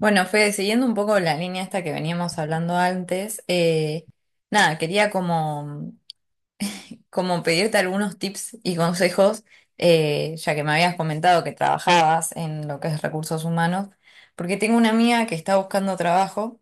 Bueno, Fede, siguiendo un poco la línea esta que veníamos hablando antes, nada, quería como pedirte algunos tips y consejos, ya que me habías comentado que trabajabas en lo que es recursos humanos, porque tengo una amiga que está buscando trabajo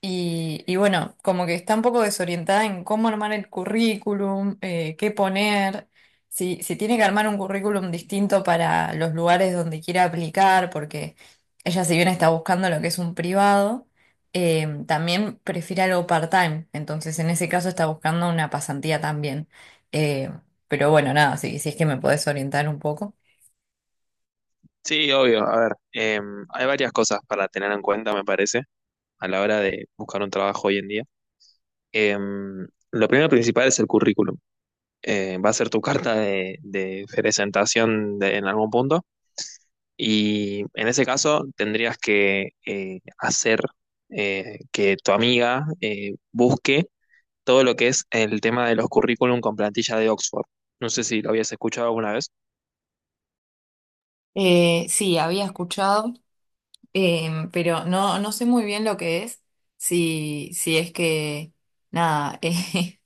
y bueno, como que está un poco desorientada en cómo armar el currículum, qué poner, si tiene que armar un currículum distinto para los lugares donde quiera aplicar, porque ella si bien está buscando lo que es un privado, también prefiere algo part-time, entonces en ese caso está buscando una pasantía también. Eh, pero bueno, nada, si es que me podés orientar un poco. Sí, obvio. A ver, hay varias cosas para tener en cuenta, me parece, a la hora de buscar un trabajo hoy en día. Lo primero principal es el currículum. Va a ser tu carta de presentación en algún punto y en ese caso tendrías que hacer que tu amiga busque todo lo que es el tema de los currículum con plantilla de Oxford. No sé si lo habías escuchado alguna vez. Sí, había escuchado. Pero no, no sé muy bien lo que es, si es que, nada,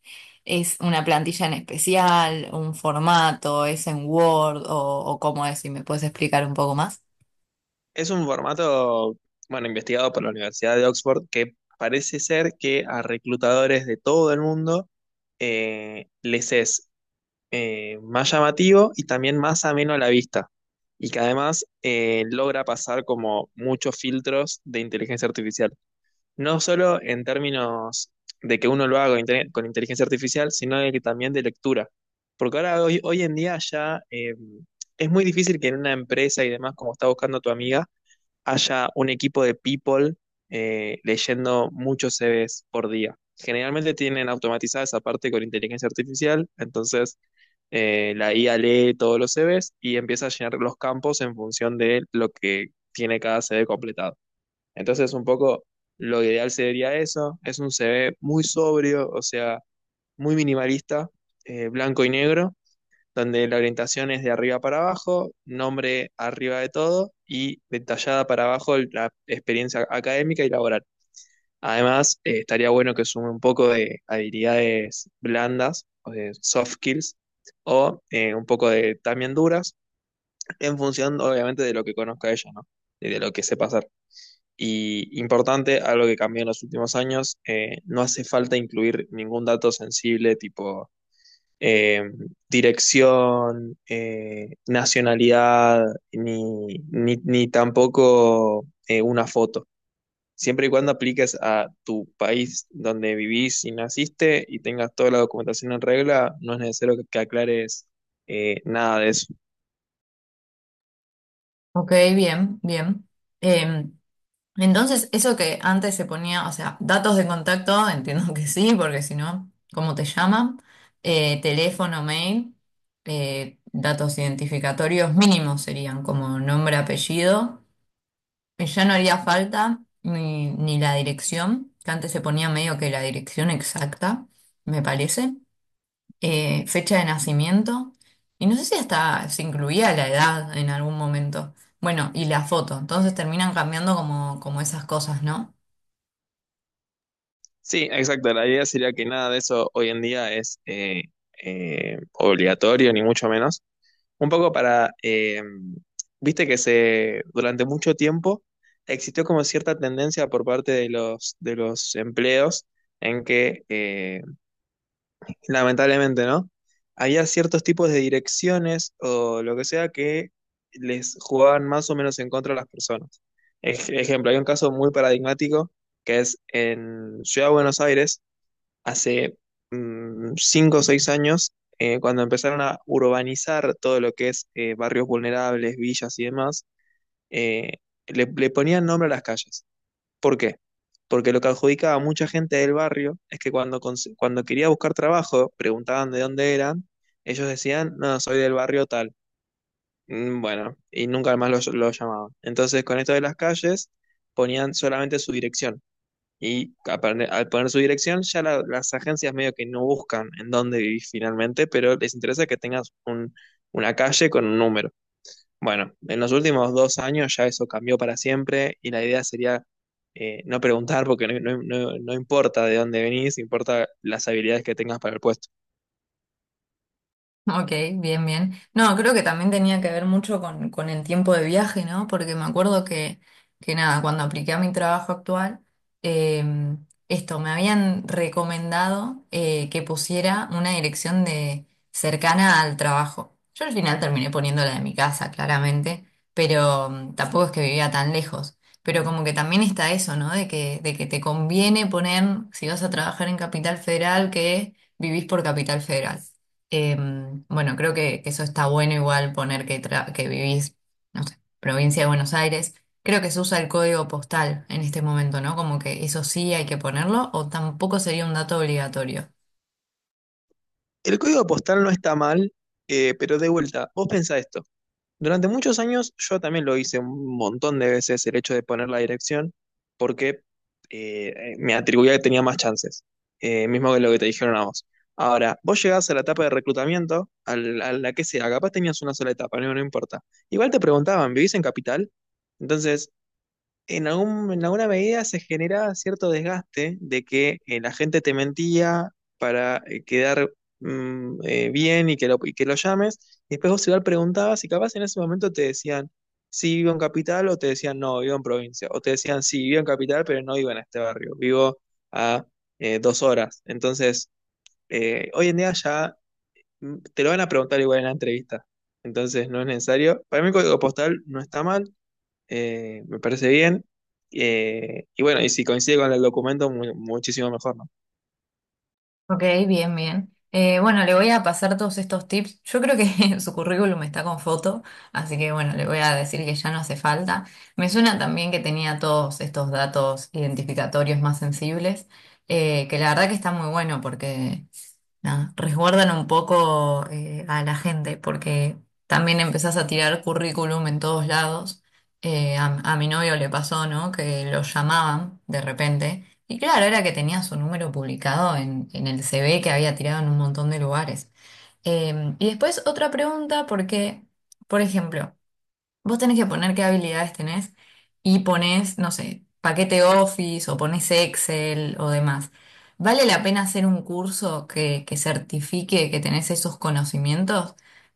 es una plantilla en especial, un formato, ¿es en Word, o cómo es? Si me puedes explicar un poco más. Es un formato, bueno, investigado por la Universidad de Oxford que parece ser que a reclutadores de todo el mundo les es más llamativo y también más ameno a la vista. Y que además logra pasar como muchos filtros de inteligencia artificial. No solo en términos de que uno lo haga con con inteligencia artificial, sino de que también de lectura. Porque ahora hoy en día ya es muy difícil que en una empresa y demás, como está buscando tu amiga, haya un equipo de people leyendo muchos CVs por día. Generalmente tienen automatizada esa parte con inteligencia artificial, entonces la IA lee todos los CVs y empieza a llenar los campos en función de lo que tiene cada CV completado. Entonces, un poco lo ideal sería eso, es un CV muy sobrio, o sea, muy minimalista, blanco y negro donde la orientación es de arriba para abajo, nombre arriba de todo y detallada para abajo la experiencia académica y laboral. Además, estaría bueno que sume un poco de habilidades blandas, o de soft skills, o un poco de también duras, en función obviamente de lo que conozca ella, ¿no? Y de lo que sepa hacer. Y importante, algo que cambió en los últimos años, no hace falta incluir ningún dato sensible tipo eh, dirección, nacionalidad, ni tampoco una foto. Siempre y cuando apliques a tu país donde vivís y naciste y tengas toda la documentación en regla, no es necesario que aclares nada de eso. Ok, bien, bien. Eh, entonces, eso que antes se ponía, o sea, datos de contacto, entiendo que sí, porque si no, ¿cómo te llaman? Teléfono, mail, datos identificatorios mínimos serían como nombre, apellido. Y ya no haría falta ni la dirección, que antes se ponía medio que la dirección exacta, me parece, fecha de nacimiento, y no sé si hasta se incluía la edad en algún momento. Bueno, y la foto, entonces terminan cambiando como esas cosas, ¿no? Sí, exacto. La idea sería que nada de eso hoy en día es obligatorio, ni mucho menos. Un poco para, viste que se, durante mucho tiempo existió como cierta tendencia por parte de de los empleos en que, lamentablemente, ¿no? Había ciertos tipos de direcciones o lo que sea que les jugaban más o menos en contra a las personas. Ejemplo, hay un caso muy paradigmático que es en Ciudad de Buenos Aires, hace cinco o seis años, cuando empezaron a urbanizar todo lo que es barrios vulnerables, villas y demás, eh, le ponían nombre a las calles. ¿Por qué? Porque lo que adjudicaba a mucha gente del barrio es que cuando, cuando quería buscar trabajo, preguntaban de dónde eran, ellos decían, no, soy del barrio tal. Bueno, y nunca más lo llamaban. Entonces, con esto de las calles, ponían solamente su dirección. Y a al poner su dirección, ya las agencias medio que no buscan en dónde vivís finalmente, pero les interesa que tengas una calle con un número. Bueno, en los últimos dos años ya eso cambió para siempre y la idea sería no preguntar porque no importa de dónde venís, importa las habilidades que tengas para el puesto. Ok, bien, bien. No, creo que también tenía que ver mucho con el tiempo de viaje, ¿no? Porque me acuerdo que nada, cuando apliqué a mi trabajo actual, eh, esto, me habían recomendado que pusiera una dirección de cercana al trabajo. Yo al final terminé poniendo la de mi casa, claramente, pero tampoco es que vivía tan lejos. Pero como que también está eso, ¿no? De que te conviene poner, si vas a trabajar en Capital Federal, que vivís por Capital Federal. Bueno, creo que eso está bueno igual poner que, que vivís, no sé, provincia de Buenos Aires. Creo que se usa el código postal en este momento, ¿no? Como que eso sí hay que ponerlo o tampoco sería un dato obligatorio. El código postal no está mal, pero de vuelta, vos pensá esto. Durante muchos años yo también lo hice un montón de veces el hecho de poner la dirección porque me atribuía que tenía más chances, mismo que lo que te dijeron a vos. Ahora, vos llegás a la etapa de reclutamiento, a a la que sea, capaz tenías una sola etapa, no importa. Igual te preguntaban, ¿vivís en capital? Entonces, en alguna medida se genera cierto desgaste de que la gente te mentía para quedar bien y y que lo llames. Y después vos igual preguntabas y capaz en ese momento te decían, sí, vivo en capital o te decían, no, vivo en provincia. O te decían, sí, vivo en capital, pero no vivo en este barrio, vivo a dos horas. Entonces, hoy en día ya te lo van a preguntar igual en la entrevista. Entonces, no es necesario. Para mí el código postal no está mal. Me parece bien. Y bueno, y si coincide con el documento, muchísimo mejor, ¿no? Ok, bien, bien. Bueno, le voy a pasar todos estos tips. Yo creo que su currículum está con foto, así que bueno, le voy a decir que ya no hace falta. Me suena también que tenía todos estos datos identificatorios más sensibles, que la verdad que está muy bueno porque, nada, resguardan un poco a la gente porque también empezás a tirar currículum en todos lados. A mi novio le pasó, ¿no? Que lo llamaban de repente. Y claro, era que tenía su número publicado en el CV que había tirado en un montón de lugares. Y después otra pregunta porque, por ejemplo, vos tenés que poner qué habilidades tenés y pones, no sé, paquete Office o pones Excel o demás. ¿Vale la pena hacer un curso que certifique que tenés esos conocimientos?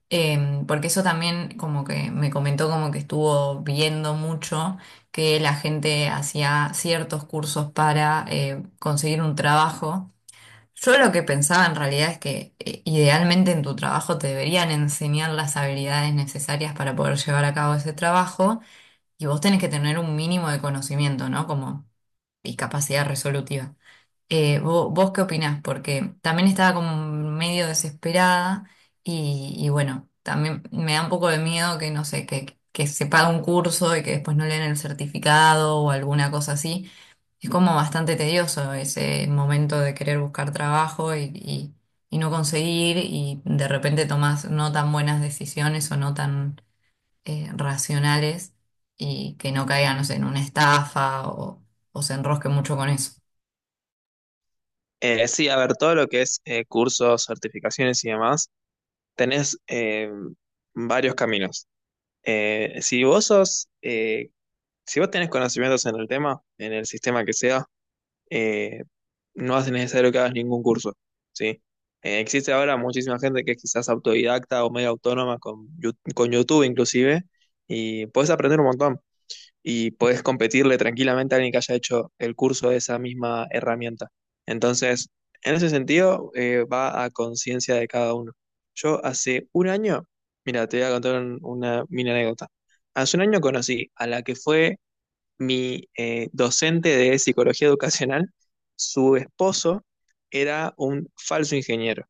Em, porque eso también como que me comentó como que estuvo viendo mucho que la gente hacía ciertos cursos para conseguir un trabajo. Yo lo que pensaba en realidad es que idealmente en tu trabajo te deberían enseñar las habilidades necesarias para poder llevar a cabo ese trabajo, y vos tenés que tener un mínimo de conocimiento, ¿no? Como y capacidad resolutiva. Vos, ¿qué opinás? Porque también estaba como medio desesperada y bueno, también me da un poco de miedo que no sé, que se paga un curso y que después no le den el certificado o alguna cosa así. Es como bastante tedioso ese momento de querer buscar trabajo y no conseguir, y de repente tomás no tan buenas decisiones o no tan racionales y que no caigan, no sé, en una estafa o se enrosque mucho con eso. Sí, a ver, todo lo que es cursos, certificaciones y demás, tenés varios caminos. Si vos sos, si vos tenés conocimientos en el tema, en el sistema que sea, eh, no hace necesario que hagas ningún curso, ¿sí? Existe ahora muchísima gente que es quizás autodidacta o medio autónoma con, con YouTube inclusive, y podés aprender un montón. Y podés competirle tranquilamente a alguien que haya hecho el curso de esa misma herramienta. Entonces, en ese sentido, va a conciencia de cada uno. Yo hace un año, mira, te voy a contar una mini anécdota. Hace un año conocí a la que fue mi docente de psicología educacional. Su esposo era un falso ingeniero.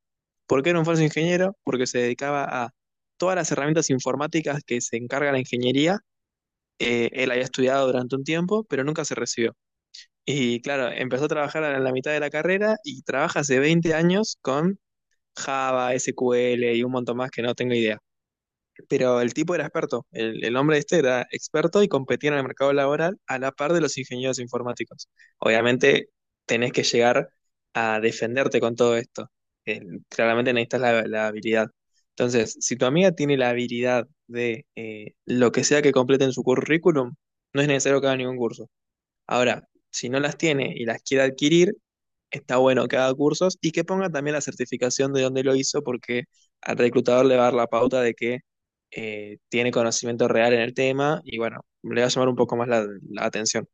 ¿Por qué era un falso ingeniero? Porque se dedicaba a todas las herramientas informáticas que se encarga la ingeniería, él había estudiado durante un tiempo, pero nunca se recibió. Y claro, empezó a trabajar en la mitad de la carrera y trabaja hace 20 años con Java, SQL y un montón más que no tengo idea. Pero el tipo era experto, el hombre este era experto y competía en el mercado laboral a la par de los ingenieros informáticos. Obviamente tenés que llegar a defenderte con todo esto. Eh, Claramente necesitas la habilidad. Entonces, si tu amiga tiene la habilidad de lo que sea que complete en su currículum, no es necesario que haga ningún curso. Ahora, si no las tiene y las quiere adquirir, está bueno que haga cursos y que ponga también la certificación de dónde lo hizo, porque al reclutador le va a dar la pauta de que tiene conocimiento real en el tema y bueno, le va a llamar un poco más la atención.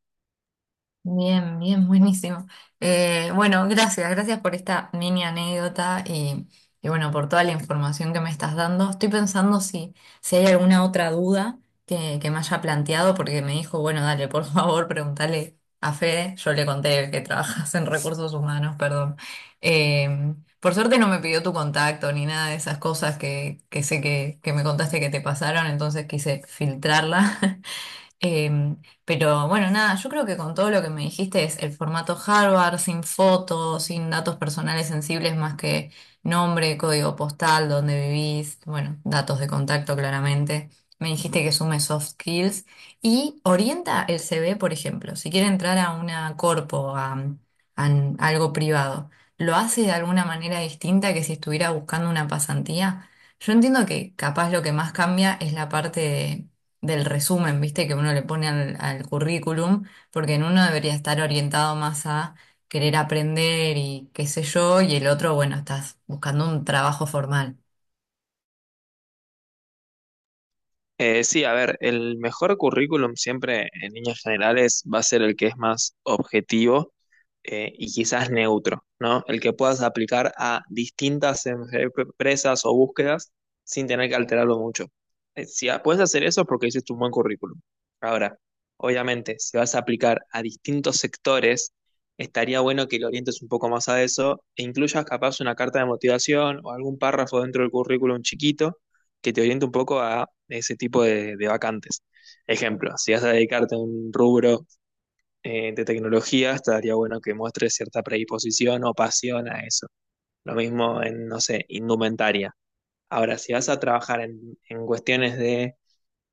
Bien, bien, buenísimo. Bueno, gracias, gracias por esta mini anécdota y bueno, por toda la información que me estás dando. Estoy pensando si, si hay alguna otra duda que me haya planteado, porque me dijo, bueno, dale, por favor, pregúntale a Fede. Yo le conté que trabajas en recursos humanos, perdón. Por suerte no me pidió tu contacto ni nada de esas cosas que sé que me contaste que te pasaron, entonces quise filtrarla. Em, pero bueno, nada, yo creo que con todo lo que me dijiste es el formato Harvard, sin fotos, sin datos personales sensibles más que nombre, código postal, dónde vivís, bueno, datos de contacto claramente. Me dijiste que sume soft skills y orienta el CV, por ejemplo, si quiere entrar a una corpo, a algo privado, ¿lo hace de alguna manera distinta que si estuviera buscando una pasantía? Yo entiendo que capaz lo que más cambia es la parte de del resumen, ¿viste? Que uno le pone al currículum, porque en uno debería estar orientado más a querer aprender y qué sé yo, y el otro, bueno, estás buscando un trabajo formal. Sí, a ver, el mejor currículum siempre en líneas generales va a ser el que es más objetivo y quizás neutro, ¿no? El que puedas aplicar a distintas empresas o búsquedas sin tener que alterarlo mucho. Si puedes hacer eso es porque hiciste un buen currículum. Ahora, obviamente, si vas a aplicar a distintos sectores, estaría bueno que lo orientes un poco más a eso e incluyas capaz una carta de motivación o algún párrafo dentro del currículum chiquito que te oriente un poco a ese tipo de vacantes. Ejemplo, si vas a dedicarte a un rubro de tecnología, estaría bueno que muestres cierta predisposición o pasión a eso. Lo mismo en, no sé, indumentaria. Ahora, si vas a trabajar en cuestiones de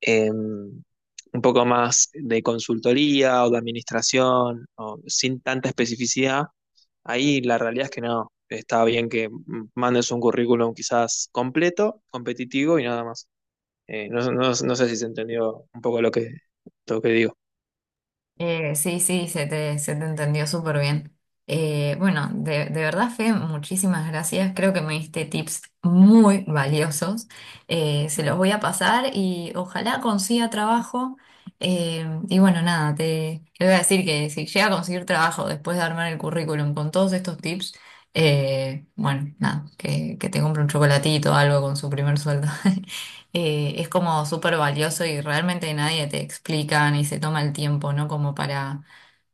un poco más de consultoría o de administración, o sin tanta especificidad, ahí la realidad es que no. Está bien que mandes un currículum quizás completo, competitivo y nada más. No sé si se entendió un poco lo lo que digo. Sí, sí, se te entendió súper bien. Bueno, de verdad, Fe, muchísimas gracias. Creo que me diste tips muy valiosos. Se los voy a pasar y ojalá consiga trabajo. Y bueno, nada, te voy a decir que si llega a conseguir trabajo después de armar el currículum con todos estos tips, bueno, nada, que te compre un chocolatito o algo con su primer sueldo. Eh, es como súper valioso y realmente nadie te explica ni se toma el tiempo, ¿no? Como para,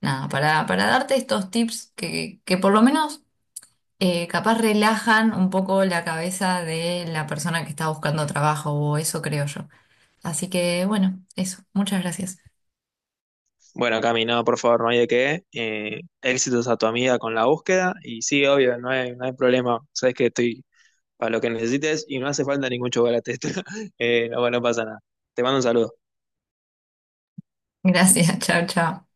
nada, para darte estos tips que por lo menos capaz relajan un poco la cabeza de la persona que está buscando trabajo, o eso creo yo. Así que bueno, eso, muchas gracias. Bueno, Cami, no, por favor, no hay de qué. Éxitos a tu amiga con la búsqueda. Y sí, obvio, no hay problema. Sabes que estoy para lo que necesites y no hace falta ningún chocolate. No, bueno, no pasa nada. Te mando un saludo. Gracias, chao, chao.